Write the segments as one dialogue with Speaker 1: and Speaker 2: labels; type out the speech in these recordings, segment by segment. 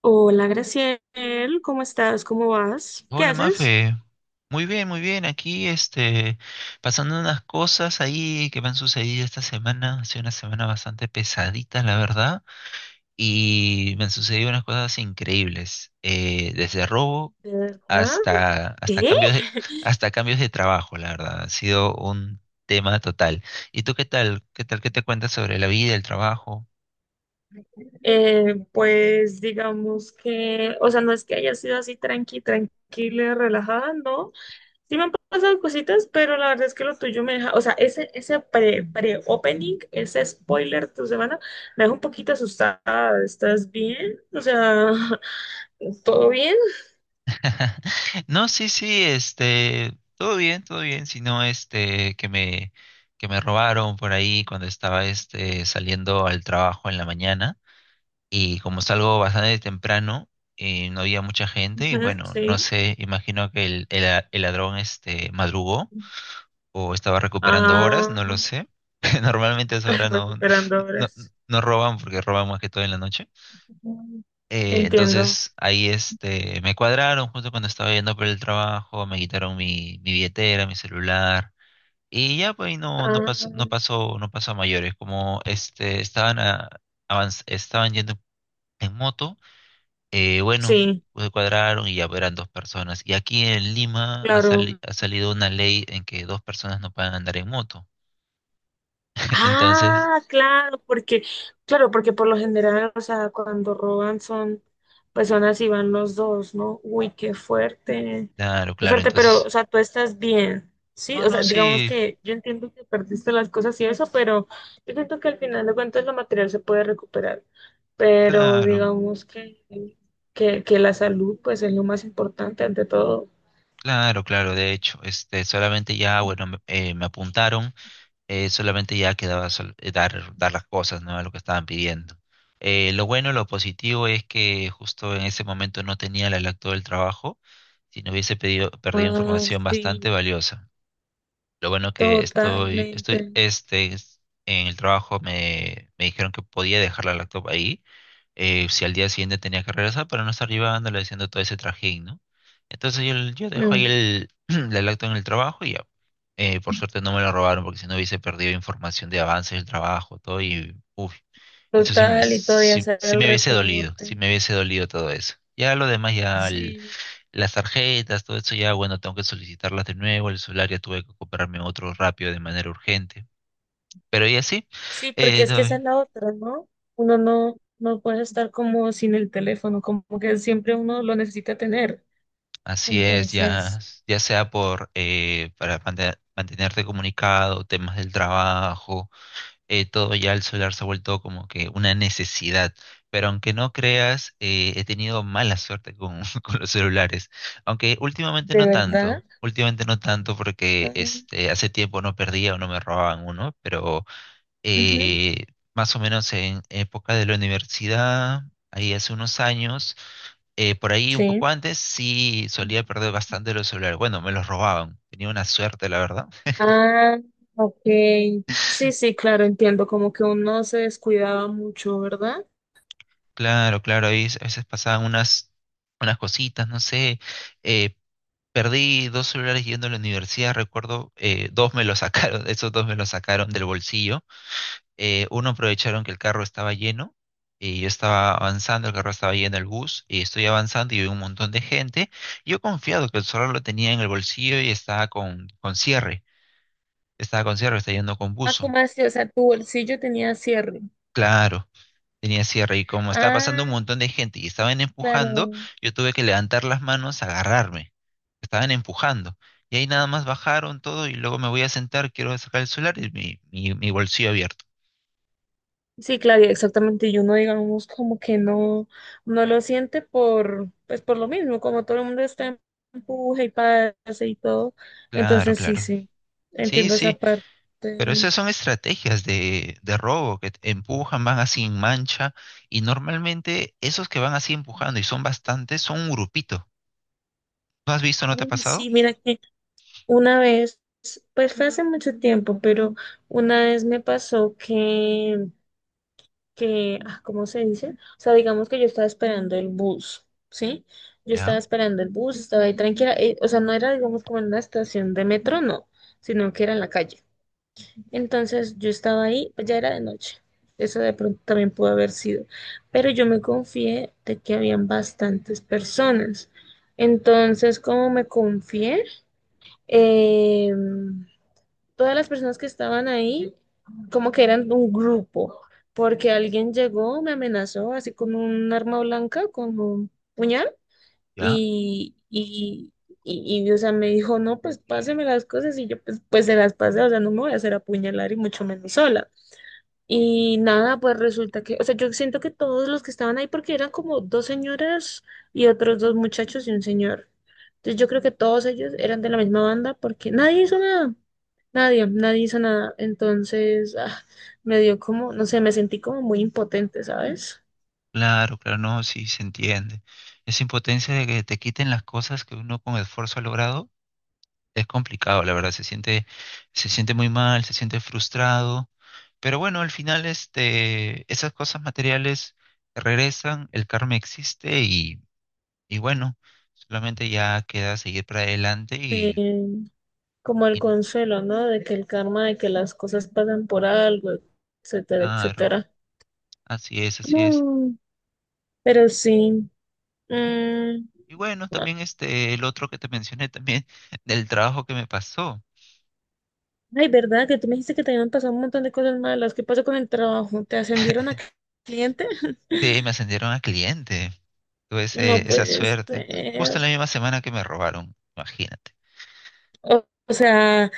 Speaker 1: Hola, Graciel, ¿cómo estás? ¿Cómo vas? ¿Qué
Speaker 2: Hola
Speaker 1: haces?
Speaker 2: Mafe, muy bien, aquí pasando unas cosas ahí que me han sucedido esta semana, ha sido una semana bastante pesadita, la verdad, y me han sucedido unas cosas increíbles, desde robo
Speaker 1: ¿De verdad?
Speaker 2: hasta
Speaker 1: ¿Qué?
Speaker 2: cambios de, hasta cambios de trabajo, la verdad, ha sido un tema total. ¿Y tú qué tal? ¿Qué tal? ¿Qué te cuentas sobre la vida, el trabajo?
Speaker 1: Pues digamos que, o sea, no es que haya sido así tranquila, relajada, no. Sí me han pasado cositas, pero la verdad es que lo tuyo me deja, o sea, ese pre-opening, ese spoiler de tu semana, me deja un poquito asustada. ¿Estás bien? O sea, ¿todo bien?
Speaker 2: No, sí, sí, todo bien, sino que me robaron por ahí cuando estaba saliendo al trabajo en la mañana y como salgo bastante temprano no había mucha gente y
Speaker 1: Ujú,
Speaker 2: bueno, no
Speaker 1: sí.
Speaker 2: sé, imagino que el ladrón este madrugó o estaba recuperando horas,
Speaker 1: Ah,
Speaker 2: no lo sé. Normalmente a esa
Speaker 1: ay,
Speaker 2: hora no,
Speaker 1: recuperando
Speaker 2: no
Speaker 1: horas.
Speaker 2: no roban porque roban más que todo en la noche.
Speaker 1: Ujú. Entiendo.
Speaker 2: Entonces ahí me cuadraron justo cuando estaba yendo por el trabajo, me quitaron mi billetera, mi celular y ya pues no, no
Speaker 1: Ah,
Speaker 2: pasó, no pasó, no pasó a mayores. Como estaban, estaban yendo en moto, bueno,
Speaker 1: sí,
Speaker 2: pues cuadraron y ya eran dos personas. Y aquí en Lima
Speaker 1: claro.
Speaker 2: ha salido una ley en que dos personas no pueden andar en moto. Entonces,
Speaker 1: Ah, claro, claro, porque por lo general, o sea, cuando roban son personas y van los dos, ¿no? Uy,
Speaker 2: claro,
Speaker 1: qué
Speaker 2: claro,
Speaker 1: fuerte, pero,
Speaker 2: entonces,
Speaker 1: o sea, tú estás bien, ¿sí?
Speaker 2: no,
Speaker 1: O
Speaker 2: no,
Speaker 1: sea, digamos
Speaker 2: sí,
Speaker 1: que yo entiendo que perdiste las cosas y eso, pero yo siento que al final de cuentas lo material se puede recuperar, pero
Speaker 2: claro.
Speaker 1: digamos que la salud, pues, es lo más importante ante todo.
Speaker 2: Claro, claro, de hecho, solamente ya, bueno, me apuntaron, solamente ya quedaba dar las cosas, ¿no? A lo que estaban pidiendo. Lo bueno, lo positivo es que justo en ese momento no tenía la laptop del trabajo, si no hubiese perdido
Speaker 1: Ah,
Speaker 2: información
Speaker 1: sí,
Speaker 2: bastante valiosa. Lo bueno que
Speaker 1: totalmente.
Speaker 2: en el trabajo me dijeron que podía dejar la laptop ahí, si al día siguiente tenía que regresar para no estar llevándole haciendo todo ese trajín, ¿no? Entonces yo dejo ahí
Speaker 1: Mm.
Speaker 2: la lacto en el trabajo y ya. Por suerte no me lo robaron porque si no hubiese perdido información de avances del trabajo, todo y uff, eso
Speaker 1: Total, y todavía
Speaker 2: sí,
Speaker 1: hacer
Speaker 2: sí
Speaker 1: el
Speaker 2: me hubiese dolido, sí
Speaker 1: reporte.
Speaker 2: me hubiese dolido todo eso. Ya lo demás,
Speaker 1: Sí,
Speaker 2: las tarjetas, todo eso, ya bueno, tengo que solicitarlas de nuevo, el celular ya tuve que comprarme otro rápido de manera urgente. Pero y así,
Speaker 1: sí, porque es que esa es la otra, ¿no? Uno no puede estar como sin el teléfono, como que siempre uno lo necesita tener.
Speaker 2: así es, ya,
Speaker 1: Entonces,
Speaker 2: ya sea por para mantenerte comunicado, temas del trabajo, todo ya el celular se ha vuelto como que una necesidad. Pero aunque no creas, he tenido mala suerte con, con los celulares. Aunque
Speaker 1: ¿de verdad?
Speaker 2: últimamente no tanto porque
Speaker 1: Ah,
Speaker 2: hace tiempo no perdía o no me robaban uno, pero
Speaker 1: ujú,
Speaker 2: eh, más o menos en época de la universidad, ahí hace unos años por ahí un poco
Speaker 1: sí.
Speaker 2: antes sí solía perder bastante los celulares. Bueno, me los robaban. Tenía una suerte, la verdad.
Speaker 1: Ah, ok. Sí, sí, claro, entiendo, como que uno se descuidaba mucho, ¿verdad?
Speaker 2: Claro, claro, ahí a veces pasaban unas cositas, no sé. eh, perdí dos celulares yendo a la universidad, recuerdo, dos me los sacaron, esos dos me los sacaron del bolsillo. Uno aprovecharon que el carro estaba lleno. Y yo estaba avanzando, el carro estaba lleno, el bus, y estoy avanzando y vi un montón de gente. Yo confiado que el celular lo tenía en el bolsillo y estaba con cierre, estaba con cierre, estaba yendo con
Speaker 1: Ah,
Speaker 2: bus.
Speaker 1: ¿cómo así? O sea, tu bolsillo tenía cierre.
Speaker 2: Claro, tenía cierre y como estaba pasando un
Speaker 1: Ah,
Speaker 2: montón de gente y estaban empujando,
Speaker 1: claro.
Speaker 2: yo tuve que levantar las manos, agarrarme. Estaban empujando. Y ahí nada más bajaron todo y luego me voy a sentar, quiero sacar el celular y mi bolsillo abierto.
Speaker 1: Sí, claro, y exactamente. Y uno, digamos, como que no lo siente por, pues por lo mismo, como todo el mundo está en empuje y pase y todo.
Speaker 2: Claro,
Speaker 1: Entonces, sí,
Speaker 2: claro.
Speaker 1: sí,
Speaker 2: Sí,
Speaker 1: entiendo esa
Speaker 2: sí,
Speaker 1: parte.
Speaker 2: pero esas son estrategias de robo que te empujan, van así en mancha y normalmente esos que van así empujando y son bastantes son un grupito. ¿No has visto? ¿No te ha
Speaker 1: Ay,
Speaker 2: pasado?
Speaker 1: sí, mira que una vez, pues fue hace mucho tiempo, pero una vez me pasó que, ah, ¿cómo se dice? O sea, digamos que yo estaba esperando el bus, ¿sí? Yo estaba
Speaker 2: Ya,
Speaker 1: esperando el bus, estaba ahí tranquila, o sea, no era, digamos, como en una estación de metro, no, sino que era en la calle. Entonces yo estaba ahí, pues ya era de noche, eso de pronto también pudo haber sido, pero yo me confié de que habían bastantes personas. Entonces, ¿cómo me confié? Em, Todas las personas que estaban ahí como que eran un grupo, porque alguien llegó, me amenazó así con un arma blanca, con un puñal,
Speaker 2: ya.
Speaker 1: y, y, y, o sea, me dijo, no, pues páseme las cosas, y yo pues se las pasé, o sea, no me voy a hacer apuñalar y mucho menos sola. Y nada, pues resulta que, o sea, yo siento que todos los que estaban ahí, porque eran como dos señoras y otros dos muchachos y un señor. Entonces yo creo que todos ellos eran de la misma banda porque nadie hizo nada, nadie, nadie hizo nada. Entonces me dio como, no sé, me sentí como muy impotente, ¿sabes?
Speaker 2: Claro, claro, no, sí se entiende. Esa impotencia de que te quiten las cosas que uno con esfuerzo ha logrado es complicado, la verdad, se siente muy mal, se siente frustrado, pero bueno, al final esas cosas materiales regresan, el karma existe y bueno, solamente ya queda seguir para adelante
Speaker 1: Como el
Speaker 2: y
Speaker 1: consuelo, ¿no? De que el karma, de que las cosas pasan por algo, etcétera,
Speaker 2: claro,
Speaker 1: etcétera.
Speaker 2: así es, así es.
Speaker 1: Mm. Pero sí. Mm.
Speaker 2: Y bueno, también el otro que te mencioné también del trabajo que me pasó,
Speaker 1: Ay, ¿verdad? Que tú me dijiste que te habían pasado un montón de cosas malas. ¿Qué pasó con el trabajo? ¿Te ascendieron a cliente?
Speaker 2: sí, me ascendieron a cliente. Tuve
Speaker 1: No
Speaker 2: esa
Speaker 1: puede
Speaker 2: suerte. Justo
Speaker 1: ser.
Speaker 2: en la misma semana que me robaron, imagínate.
Speaker 1: O sea,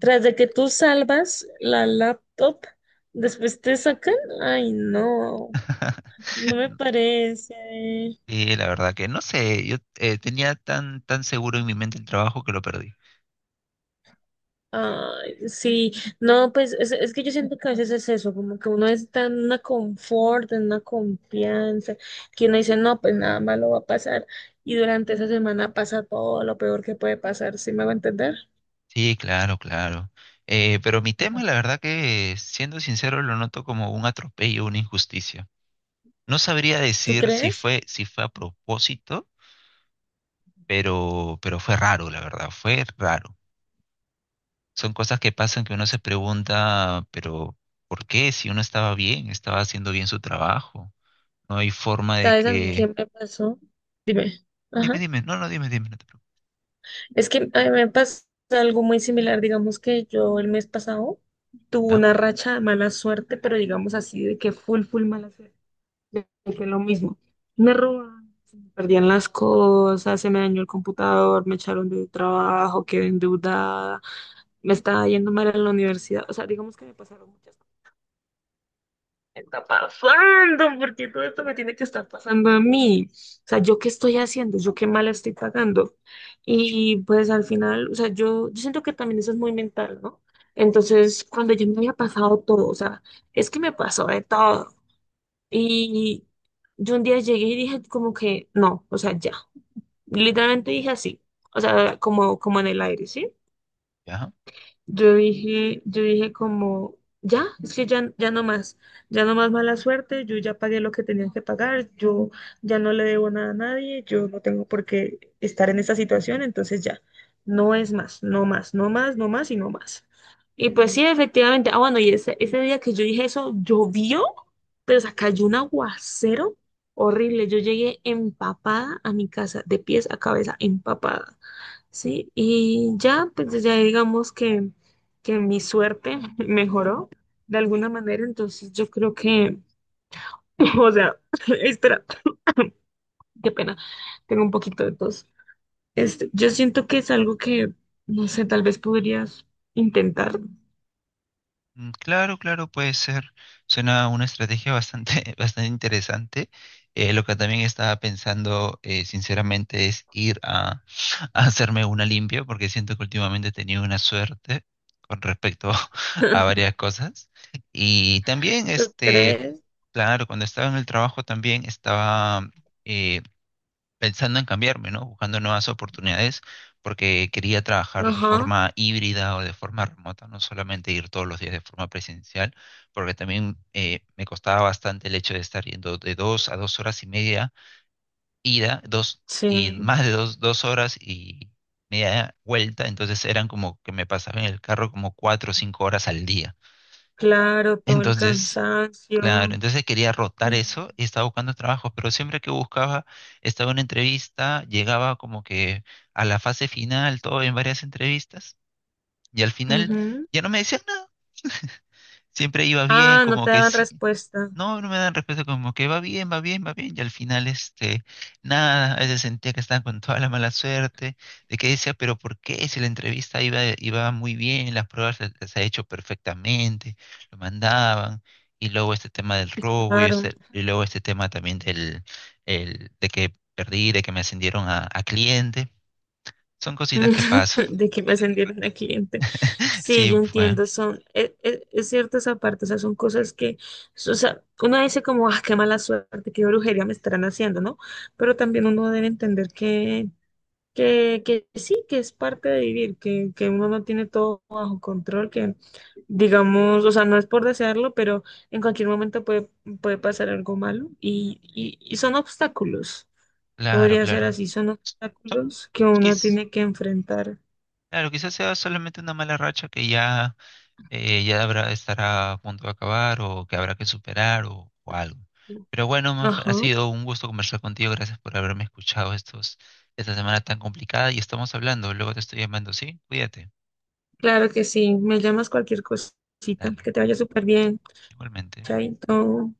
Speaker 1: tras de que tú salvas la laptop, después te sacan. Ay, no, no me parece.
Speaker 2: Y la verdad que no sé, yo tenía tan seguro en mi mente el trabajo que lo perdí.
Speaker 1: Ay, sí, no, pues es que yo siento que a veces es eso, como que uno está en una confort, en una confianza, que uno dice, no, pues nada malo va a pasar, y durante esa semana pasa todo lo peor que puede pasar, ¿sí me va a entender?
Speaker 2: Sí, claro, claro. Pero mi tema, la verdad que, siendo sincero, lo noto como un atropello, una injusticia. No sabría
Speaker 1: ¿Tú
Speaker 2: decir si
Speaker 1: crees?
Speaker 2: si fue a propósito, pero fue raro, la verdad, fue raro. Son cosas que pasan que uno se pregunta, pero ¿por qué? Si uno estaba bien, estaba haciendo bien su trabajo. No hay forma de
Speaker 1: ¿Sabes a mí qué
Speaker 2: que...
Speaker 1: me pasó? Dime.
Speaker 2: Dime,
Speaker 1: Ajá.
Speaker 2: dime, no, no, dime, dime, no te preocupes.
Speaker 1: Es que a mí me pasó algo muy similar, digamos que yo el mes pasado tuve
Speaker 2: ¿Ya?
Speaker 1: una racha de mala suerte, pero digamos así, de que full, full mala suerte. De que lo mismo. Me robaron, se me perdían las cosas, se me dañó el computador, me echaron de trabajo, quedé endeudada, me estaba yendo mal en la universidad. O sea, digamos que me pasaron muchas cosas. Me está pasando, porque todo esto me tiene que estar pasando a mí. O sea, ¿yo qué estoy haciendo? ¿Yo qué mal estoy pagando? Y pues al final, o sea, yo siento que también eso es muy mental, ¿no? Entonces, cuando yo me había pasado todo, o sea, es que me pasó de todo. Y yo un día llegué y dije como que no, o sea, ya. Literalmente dije así, o sea, como en el aire, ¿sí?
Speaker 2: ¿Ya?
Speaker 1: Yo dije como, ya, es que ya, ya no más mala suerte, yo ya pagué lo que tenía que pagar, yo ya no le debo nada a nadie, yo no tengo por qué estar en esta situación, entonces ya, no es más, no más, no más, no más y no más. Y pues sí, efectivamente, bueno, y ese día que yo dije eso, llovió, pero o sea, cayó un aguacero horrible, yo llegué empapada a mi casa, de pies a cabeza, empapada. Sí, y ya, pues ya digamos que mi suerte mejoró de alguna manera, entonces yo creo que, o sea, espera, qué pena, tengo un poquito de tos. Yo siento que es algo que, no sé, tal vez podrías intentar.
Speaker 2: Mm, claro, claro, puede ser. Suena una estrategia bastante, bastante interesante. Lo que también estaba pensando, sinceramente, es ir a, a hacerme una limpia, porque siento que últimamente he tenido una suerte con respecto a varias cosas. Y también,
Speaker 1: ¿Lo crees?
Speaker 2: claro, cuando estaba en el trabajo también estaba... eh, pensando en cambiarme, ¿no? Buscando nuevas oportunidades porque quería trabajar de
Speaker 1: Ajá,
Speaker 2: forma híbrida o de forma remota, no solamente ir todos los días de forma presencial, porque también me costaba bastante el hecho de estar yendo de dos a dos horas y media ida, dos y
Speaker 1: sí,
Speaker 2: más de dos, dos horas y media vuelta, entonces eran como que me pasaba en el carro como cuatro o cinco horas al día.
Speaker 1: claro, todo el
Speaker 2: Entonces claro,
Speaker 1: cansancio.
Speaker 2: entonces quería rotar
Speaker 1: Mm,
Speaker 2: eso y estaba buscando trabajos, pero siempre que buscaba, estaba en una entrevista, llegaba como que a la fase final, todo en varias entrevistas, y al final
Speaker 1: ujú.
Speaker 2: ya no me decían nada. Siempre iba bien,
Speaker 1: Ah, no
Speaker 2: como
Speaker 1: te
Speaker 2: que
Speaker 1: daban
Speaker 2: sí,
Speaker 1: respuesta.
Speaker 2: no, no me dan respeto, como que va bien, va bien, va bien, y al final, nada, a veces sentía que estaba con toda la mala suerte, de que decía, pero ¿por qué? Si la entrevista iba muy bien, las pruebas se ha hecho perfectamente, lo mandaban, y luego este tema del robo,
Speaker 1: Claro.
Speaker 2: y luego este tema también de que perdí, de que me ascendieron a cliente, son cositas que pasan.
Speaker 1: De que me ascendieron a cliente. Sí,
Speaker 2: Sí,
Speaker 1: yo
Speaker 2: pues,
Speaker 1: entiendo, es cierto esa parte, o sea, son cosas que, o sea, uno dice como, qué mala suerte, qué brujería me estarán haciendo, ¿no? Pero también uno debe entender que, sí, que es parte de vivir, que uno no tiene todo bajo control, que digamos, o sea, no es por desearlo, pero en cualquier momento puede pasar algo malo y son obstáculos,
Speaker 2: claro,
Speaker 1: podría ser
Speaker 2: claro.
Speaker 1: así, son
Speaker 2: Son,
Speaker 1: obstáculos que uno
Speaker 2: quiz-
Speaker 1: tiene que enfrentar.
Speaker 2: claro, quizás sea solamente una mala racha que ya ya habrá, estará a punto de acabar o que habrá que superar o algo. Pero bueno, Maf, ha
Speaker 1: Ajá,
Speaker 2: sido un gusto conversar contigo. Gracias por haberme escuchado esta semana tan complicada y estamos hablando. Luego te estoy llamando, ¿sí? Cuídate.
Speaker 1: claro que sí. Me llamas cualquier cosita.
Speaker 2: Dale,
Speaker 1: Que te vaya súper bien.
Speaker 2: igualmente.
Speaker 1: Chaito.